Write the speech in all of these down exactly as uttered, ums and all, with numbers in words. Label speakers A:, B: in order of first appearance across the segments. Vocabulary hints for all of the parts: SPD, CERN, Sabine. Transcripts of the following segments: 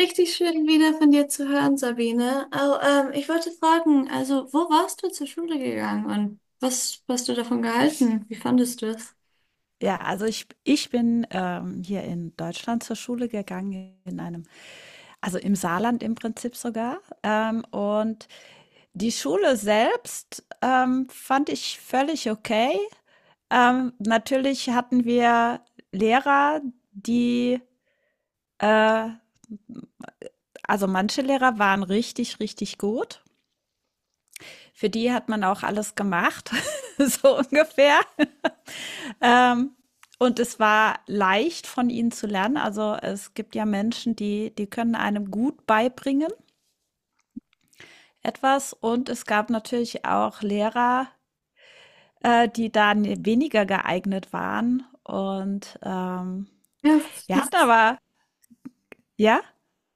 A: Richtig schön wieder von dir zu hören, Sabine. Oh, ähm, Ich wollte fragen, also wo warst du zur Schule gegangen und was hast du davon gehalten? Wie fandest du es?
B: Ja, also ich ich bin, ähm, hier in Deutschland zur Schule gegangen in einem also im Saarland im Prinzip sogar, ähm, und die Schule selbst, ähm, fand ich völlig okay. Ähm, natürlich hatten wir Lehrer, die äh, also manche Lehrer waren richtig, richtig gut. Für die hat man auch alles gemacht, so ungefähr. Ähm, und es war leicht von ihnen zu lernen. Also es gibt ja Menschen, die, die können einem gut beibringen etwas. Und es gab natürlich auch Lehrer, äh, die da ne- weniger geeignet waren. Und ähm,
A: Ja,
B: wir hatten
A: das,
B: aber, ja,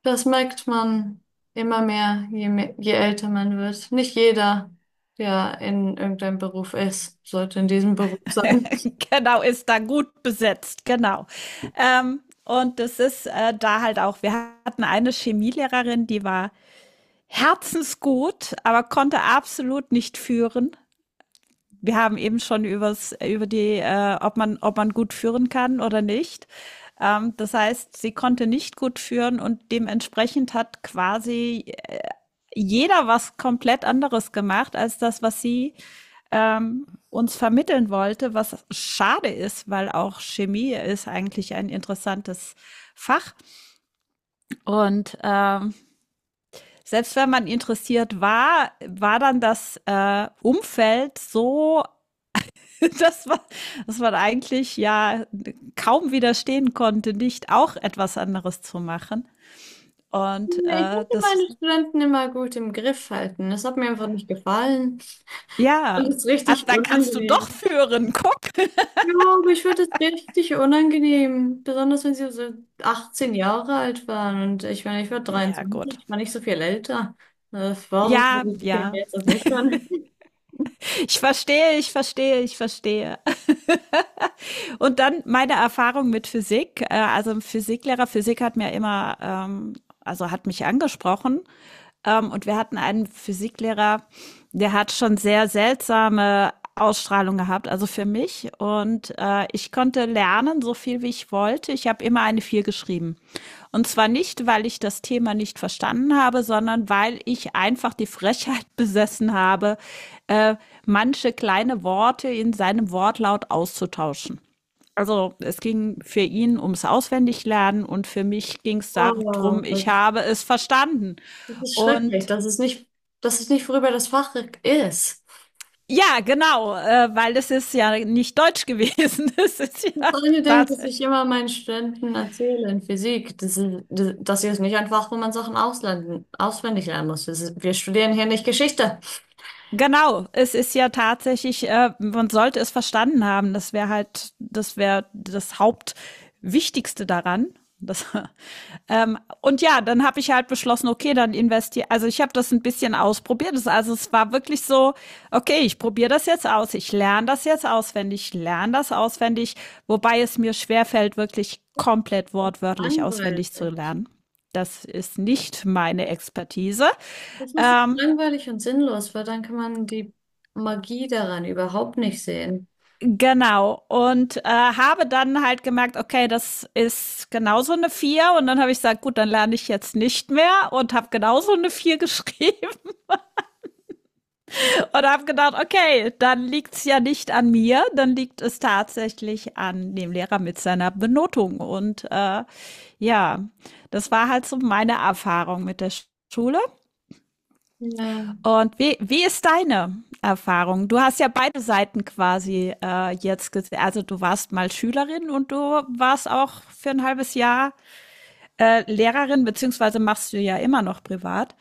A: das merkt man immer mehr, je, me- je älter man wird. Nicht jeder, der in irgendeinem Beruf ist, sollte in diesem Beruf sein.
B: genau, ist da gut besetzt, genau. Ähm, und das ist äh, da halt auch, wir hatten eine Chemielehrerin, die war herzensgut, aber konnte absolut nicht führen. Wir haben eben schon übers, über die, äh, ob, man, ob man gut führen kann oder nicht. Ähm, das heißt, sie konnte nicht gut führen und dementsprechend hat quasi äh, jeder was komplett anderes gemacht als das, was sie ähm, uns vermitteln wollte, was schade ist, weil auch Chemie ist eigentlich ein interessantes Fach. Und ähm, selbst wenn man interessiert war, war dann das äh, Umfeld so. Das war, dass man eigentlich ja kaum widerstehen konnte, nicht auch etwas anderes zu machen. Und
A: Nee, ich
B: äh,
A: konnte
B: das,
A: meine Studenten immer gut im Griff halten. Das hat mir einfach nicht gefallen und
B: ja,
A: es ist
B: also
A: richtig
B: dann kannst du doch
A: unangenehm.
B: führen, guck.
A: Ja, aber ich fand das richtig unangenehm. Besonders wenn sie so achtzehn Jahre alt waren. Und ich meine, ich war
B: Ja,
A: dreiundzwanzig,
B: gut.
A: ich war nicht so viel älter. Äh, Warum
B: Ja,
A: sollen die Kinder
B: ja.
A: jetzt auf mich hören?
B: Ich verstehe, ich verstehe, ich verstehe. Und dann meine Erfahrung mit Physik. Äh, Also ein Physiklehrer, Physik hat mir immer, ähm, also hat mich angesprochen. Ähm, und wir hatten einen Physiklehrer, der hat schon sehr seltsame Ausstrahlung gehabt, also für mich. Und äh, ich konnte lernen, so viel wie ich wollte. Ich habe immer eine vier geschrieben. Und zwar nicht, weil ich das Thema nicht verstanden habe, sondern weil ich einfach die Frechheit besessen habe, äh, manche kleine Worte in seinem Wortlaut auszutauschen. Also es ging für ihn ums Auswendiglernen und für mich ging es darum,
A: Oh,
B: ich habe es verstanden.
A: das ist schrecklich.
B: Und
A: Das ist nicht, das ist nicht, worüber das Fach ist.
B: ja, genau, äh, weil es ist ja nicht Deutsch gewesen. Es ist ja
A: Freunde denken, dass ich
B: tatsächlich
A: immer meinen Studenten erzähle in Physik, das ist, das, das hier ist nicht ein Fach, wo man Sachen auslernen, auswendig lernen muss. Das ist, wir studieren hier nicht Geschichte.
B: Genau, es ist ja tatsächlich, äh, man sollte es verstanden haben, das wäre halt, das wäre das Hauptwichtigste daran. Das, ähm, und ja, dann habe ich halt beschlossen, okay, dann investiere. Also ich habe das ein bisschen ausprobiert. Das, also es war wirklich so, okay, ich probiere das jetzt aus, ich lerne das jetzt auswendig, ich lerne das auswendig, wobei es mir schwerfällt, wirklich komplett wortwörtlich auswendig zu
A: Langweilig.
B: lernen. Das ist nicht meine Expertise.
A: Das ist
B: Ähm,
A: langweilig und sinnlos, weil dann kann man die Magie daran überhaupt nicht sehen.
B: Genau. Und äh, habe dann halt gemerkt, okay, das ist genauso eine vier. Und dann habe ich gesagt, gut, dann lerne ich jetzt nicht mehr und habe genauso eine vier geschrieben und habe gedacht, okay, dann liegt's ja nicht an mir, dann liegt es tatsächlich an dem Lehrer mit seiner Benotung. Und äh, ja, das war halt so meine Erfahrung mit der Schule.
A: Ja.
B: Und wie, wie ist deine Erfahrung? Du hast ja beide Seiten quasi äh, jetzt gesehen. Also du warst mal Schülerin und du warst auch für ein halbes Jahr äh, Lehrerin, beziehungsweise machst du ja immer noch privat.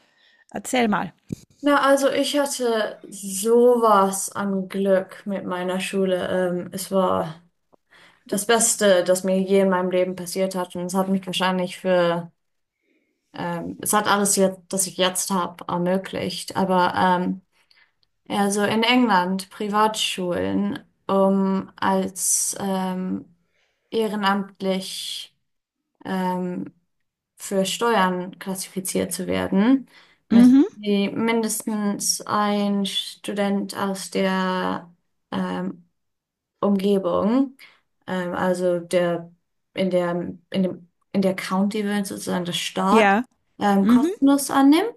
B: Erzähl mal.
A: Na, also ich hatte sowas an Glück mit meiner Schule. Ähm, es war das Beste, das mir je in meinem Leben passiert hat. Und es hat mich wahrscheinlich für, ähm, es hat alles jetzt, das ich jetzt habe, ermöglicht. Aber ähm, ja, so in England, Privatschulen, um als ähm, ehrenamtlich ähm, für Steuern klassifiziert zu werden, müssen
B: Mhm.
A: Sie mindestens ein Student aus der ähm, Umgebung, ähm, also der in der in dem in der County wird sozusagen der Staat
B: Ja.
A: ähm,
B: Mhm.
A: kostenlos annehmen.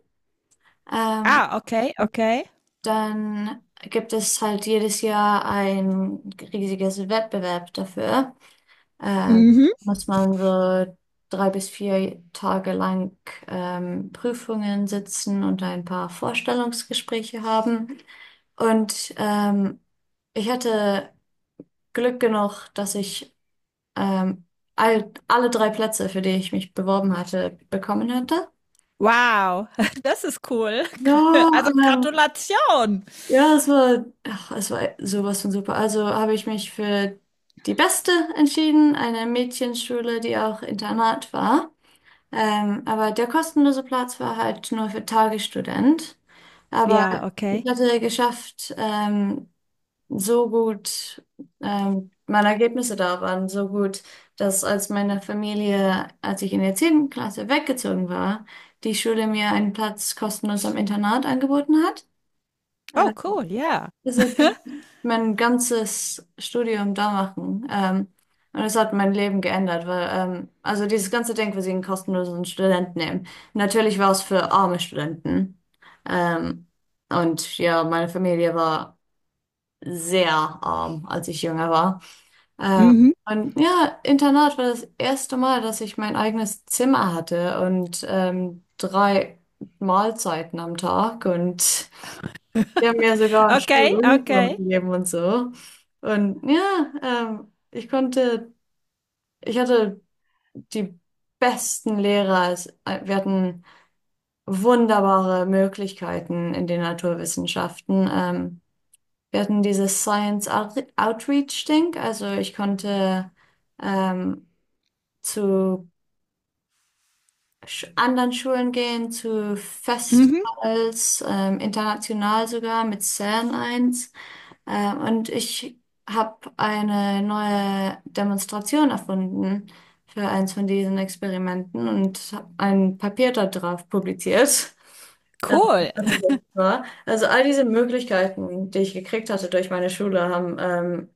A: Ähm,
B: Ah, okay, okay.
A: Dann gibt es halt jedes Jahr ein riesiges Wettbewerb dafür. Ähm,
B: Mhm.
A: Muss man so drei bis vier Tage lang ähm, Prüfungen sitzen und ein paar Vorstellungsgespräche haben. Und ähm, ich hatte Glück genug, dass ich ähm, all, alle drei Plätze, für die ich mich beworben hatte, bekommen hatte.
B: Wow, das ist cool.
A: Ja,
B: Also
A: ähm,
B: Gratulation.
A: ja, es war, ach, es war sowas von super. Also habe ich mich für die beste entschieden, eine Mädchenschule, die auch Internat war. Ähm, aber der kostenlose Platz war halt nur für Tagesstudent. Aber
B: Ja, okay.
A: ich hatte geschafft, ähm, so gut, ähm, meine Ergebnisse da waren so gut, dass als meine Familie, als ich in der zehnten Klasse weggezogen war, die Schule mir einen Platz kostenlos am Internat angeboten hat.
B: Oh,
A: Äh,
B: cool, ja.
A: also ich hab mein ganzes Studium da machen. Ähm, und es hat mein Leben geändert, weil, ähm, also dieses ganze Denkwesen kostenlosen Studenten nehmen. Natürlich war es für arme Studenten. Ähm, und ja, meine Familie war sehr arm, als ich jünger war. Ähm,
B: Mhm.
A: und ja, Internat war das erste Mal, dass ich mein eigenes Zimmer hatte und ähm, drei Mahlzeiten am Tag und die haben mir sogar
B: Okay,
A: Schuluniform
B: okay.
A: gegeben und so. Und ja, ähm, ich konnte, ich hatte die besten Lehrer. Es- äh, Wir hatten wunderbare Möglichkeiten in den Naturwissenschaften. Ähm, wir hatten dieses Science Out Outreach-Ding. Also ich konnte ähm, zu Sch- anderen Schulen gehen, zu
B: Mhm.
A: Festivals, ähm, international sogar mit zern eins. Ähm, und ich habe eine neue Demonstration erfunden für eins von diesen Experimenten und hab ein Papier da drauf publiziert. Ähm,
B: Cool.
A: als es war. Also all diese Möglichkeiten, die ich gekriegt hatte durch meine Schule, haben ähm,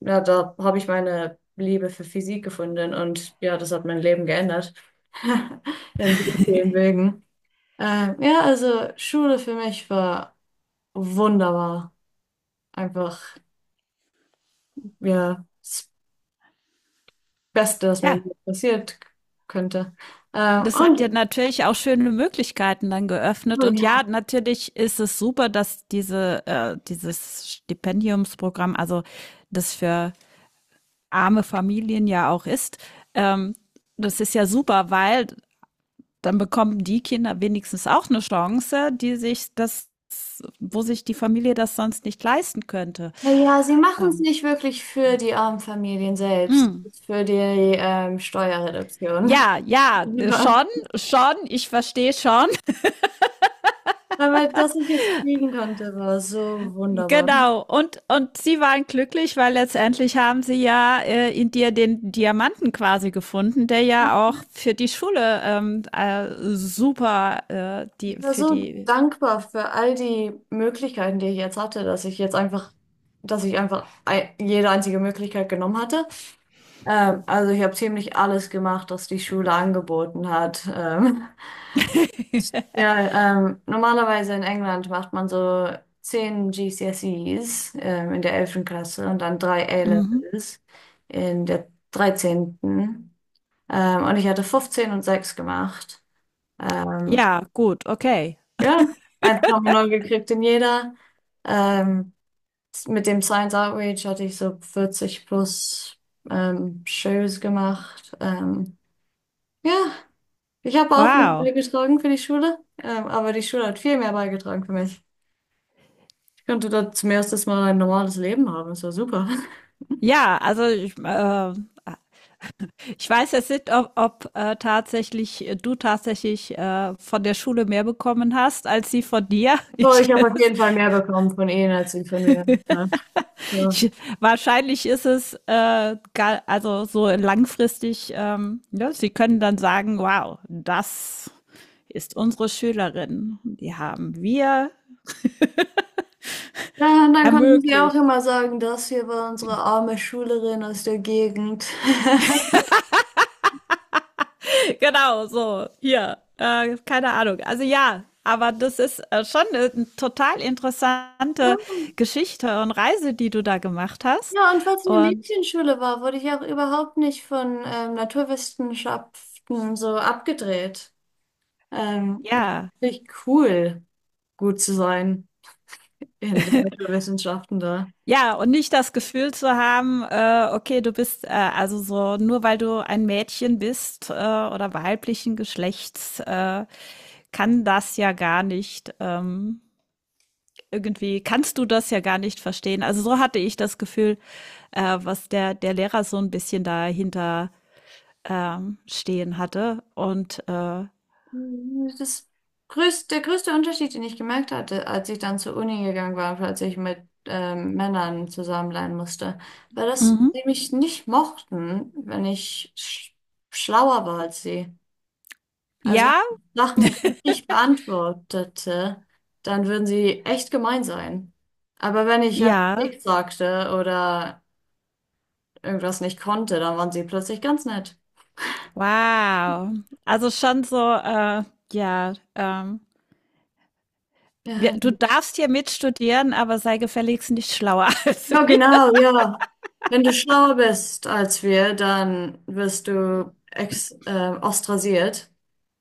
A: ja, da habe ich meine Liebe für Physik gefunden und ja, das hat mein Leben geändert. In so vielen Wegen. Ähm, ja, also Schule für mich war wunderbar. Einfach, ja, das Beste, was mir
B: Ja.
A: je passiert könnte. Ähm,
B: Das hat ja
A: und,
B: natürlich auch schöne Möglichkeiten dann geöffnet.
A: oh
B: Und ja,
A: ja,
B: natürlich ist es super, dass diese, äh, dieses Stipendiumsprogramm, also das für arme Familien ja auch ist, ähm, das ist ja super, weil dann bekommen die Kinder wenigstens auch eine Chance, die sich das, wo sich die Familie das sonst nicht leisten könnte.
A: na ja, sie machen es
B: Ähm,
A: nicht wirklich für die armen Familien selbst,
B: mm.
A: für die ähm, Steuerreduktion.
B: Ja, ja,
A: Lieber.
B: schon, schon, ich verstehe schon.
A: Aber dass ich es kriegen konnte, war so wunderbar.
B: Genau, und, und sie waren glücklich, weil letztendlich haben sie ja äh, in dir den Diamanten quasi gefunden, der ja auch für die Schule ähm, äh, super, äh, die,
A: Ich war
B: für
A: so
B: die.
A: dankbar für all die Möglichkeiten, die ich jetzt hatte, dass ich jetzt einfach, dass ich einfach ei- jede einzige Möglichkeit genommen hatte. Ähm, also ich habe ziemlich alles gemacht, was die Schule angeboten hat. Ähm, ja, ähm, normalerweise in England macht man so zehn G C S Es ähm, in der elften Klasse und dann drei
B: Mhm.
A: A-Levels in der dreizehnten. Ähm, und ich hatte fünfzehn und sechs gemacht. Ähm,
B: Ja, gut, okay.
A: Ja, eins Komma neun gekriegt in jeder. Ähm, mit dem Science Outreach hatte ich so vierzig plus ähm, Shows gemacht. Ähm, ja, ich habe auch nicht
B: Wow.
A: beigetragen für die Schule, ähm, aber die Schule hat viel mehr beigetragen für mich. Ich konnte dort zum ersten Mal ein normales Leben haben. Das war super.
B: Ja, also ich, äh, ich weiß jetzt nicht, ob, ob äh, tatsächlich du tatsächlich äh, von der Schule mehr bekommen hast als sie von dir.
A: So,
B: Ich,
A: ich habe auf jeden Fall mehr bekommen von ihnen als sie von mir. Ne? So.
B: Ich, wahrscheinlich ist es äh, ga- also so langfristig, ähm, ja, sie können dann sagen, wow, das ist unsere Schülerin. Die haben wir
A: Ja, und dann konnten sie auch
B: ermöglicht.
A: immer sagen, das hier war unsere arme Schülerin aus der Gegend.
B: Genau, so, hier, äh, keine Ahnung. Also ja, aber das ist äh, schon eine total
A: Ja.
B: interessante Geschichte und Reise, die du da gemacht hast.
A: Ja, und weil es eine
B: Und
A: Mädchenschule war, wurde ich auch überhaupt nicht von ähm, Naturwissenschaften so abgedreht. Ähm, es ist
B: ja,
A: richtig cool, gut zu sein in den Naturwissenschaften da.
B: ja, und nicht das Gefühl zu haben, äh, okay, du bist äh, also so, nur weil du ein Mädchen bist äh, oder weiblichen Geschlechts, äh, kann das ja gar nicht, ähm, irgendwie, kannst du das ja gar nicht verstehen. Also so hatte ich das Gefühl, äh, was der, der Lehrer so ein bisschen dahinter ähm, stehen hatte. Und äh,
A: Das größte, Der größte Unterschied, den ich gemerkt hatte, als ich dann zur Uni gegangen war, als ich mit ähm, Männern zusammen lernen musste, war, dass
B: mhm.
A: sie mich nicht mochten, wenn ich sch schlauer war als sie. Also wenn
B: Ja,
A: man Sachen richtig beantwortete, dann würden sie echt gemein sein. Aber wenn ich einfach
B: ja,
A: nichts sagte oder irgendwas nicht konnte, dann waren sie plötzlich ganz nett.
B: wow. Also schon so, äh, ja, ähm, Wir,
A: Ja,
B: du darfst hier mitstudieren, aber sei gefälligst nicht schlauer als
A: ja,
B: wir.
A: genau, ja. Wenn du schlauer bist als wir, dann wirst du ex äh, ostrasiert.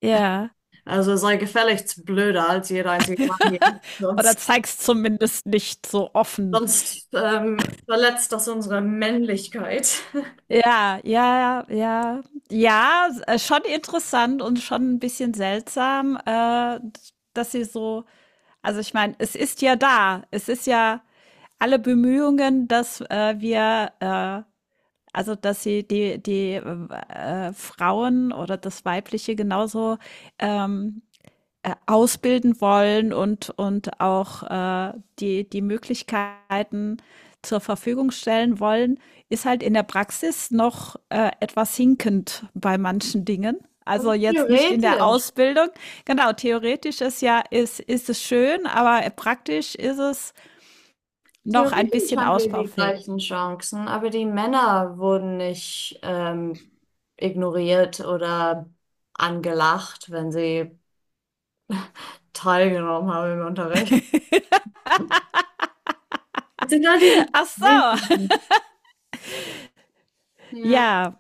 B: Ja.
A: Also sei gefälligst blöder als jeder einzige Mann hier.
B: Oder
A: Sonst,
B: zeigst zumindest nicht so offen.
A: sonst ähm, verletzt das unsere Männlichkeit.
B: Ja, ja, ja. Ja, äh, schon interessant und schon ein bisschen seltsam, äh, dass sie so, also ich meine, es ist ja da. Es ist ja alle Bemühungen, dass äh, wir, äh, also dass sie die, die äh, Frauen oder das Weibliche genauso ähm, äh, ausbilden wollen und, und auch äh, die, die Möglichkeiten zur Verfügung stellen wollen, ist halt in der Praxis noch äh, etwas hinkend bei manchen Dingen. Also jetzt nicht in der
A: Theoretisch.
B: Ausbildung. Genau, theoretisch ist ja, ist, ist es schön, aber praktisch ist es noch ein
A: Theoretisch
B: bisschen
A: haben wir die gleichen
B: ausbaufähig.
A: Chancen, aber die Männer wurden nicht ähm, ignoriert oder angelacht, wenn sie teilgenommen haben im Unterricht. Es sind all diese
B: Ach so,
A: Kleinigkeiten. Ja.
B: ja,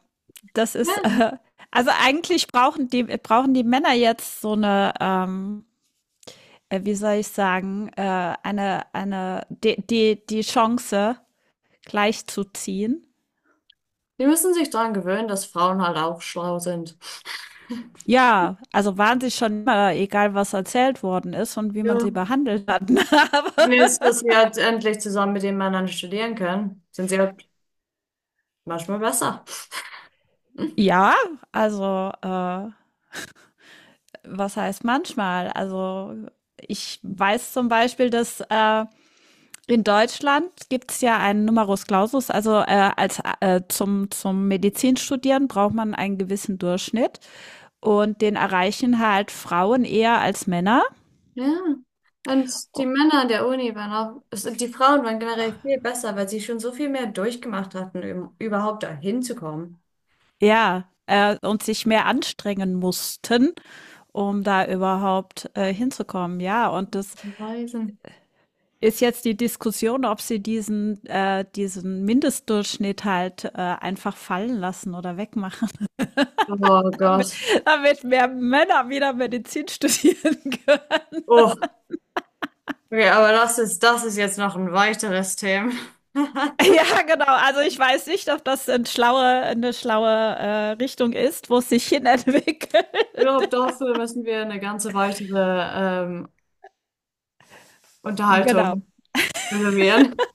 B: das
A: Ja.
B: ist, äh, also eigentlich brauchen die, brauchen die Männer jetzt so eine, ähm, äh, wie soll ich sagen, äh, eine, eine, die, die, die Chance gleichzuziehen.
A: Die müssen sich daran gewöhnen, dass Frauen halt auch schlau sind.
B: Ja, also waren sie schon immer, egal was erzählt worden ist und wie man
A: Ja.
B: sie behandelt hat. Aber
A: Und jetzt, dass sie halt endlich zusammen mit den Männern studieren können, sind sie halt manchmal besser. Hm.
B: ja, also äh, was heißt manchmal? Also ich weiß zum Beispiel, dass äh, In Deutschland gibt es ja einen Numerus Clausus, also äh, als äh, zum, zum Medizinstudieren braucht man einen gewissen Durchschnitt und den erreichen halt Frauen eher als Männer.
A: Ja. Und die
B: O-
A: Männer an der Uni waren auch, es- die Frauen waren generell viel besser, weil sie schon so viel mehr durchgemacht hatten, um überhaupt dahin zu kommen.
B: Ja, äh, und sich mehr anstrengen mussten, um da überhaupt äh, hinzukommen. Ja, und das
A: Reisen.
B: ist jetzt die Diskussion, ob sie diesen äh, diesen Mindestdurchschnitt halt äh, einfach fallen lassen oder wegmachen,
A: Oh
B: damit,
A: Gott.
B: damit mehr Männer wieder Medizin studieren können.
A: Oh, okay, aber das ist, das ist jetzt noch ein weiteres Thema.
B: Ja, genau. Also ich weiß nicht, ob das ein schlaue, eine schlaue äh, Richtung ist, wo es sich hin entwickelt.
A: Ich glaube, dafür müssen wir eine ganze weitere ähm,
B: Genau.
A: Unterhaltung reservieren.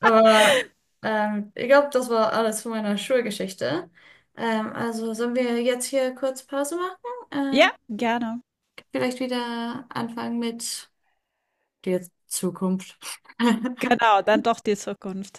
A: Aber ähm, ich glaube, das war alles von meiner Schulgeschichte. Ähm, also sollen wir jetzt hier kurz Pause machen?
B: Ja,
A: Ähm,
B: gerne.
A: Vielleicht wieder anfangen mit der Zukunft.
B: Genau, dann doch die Zukunft.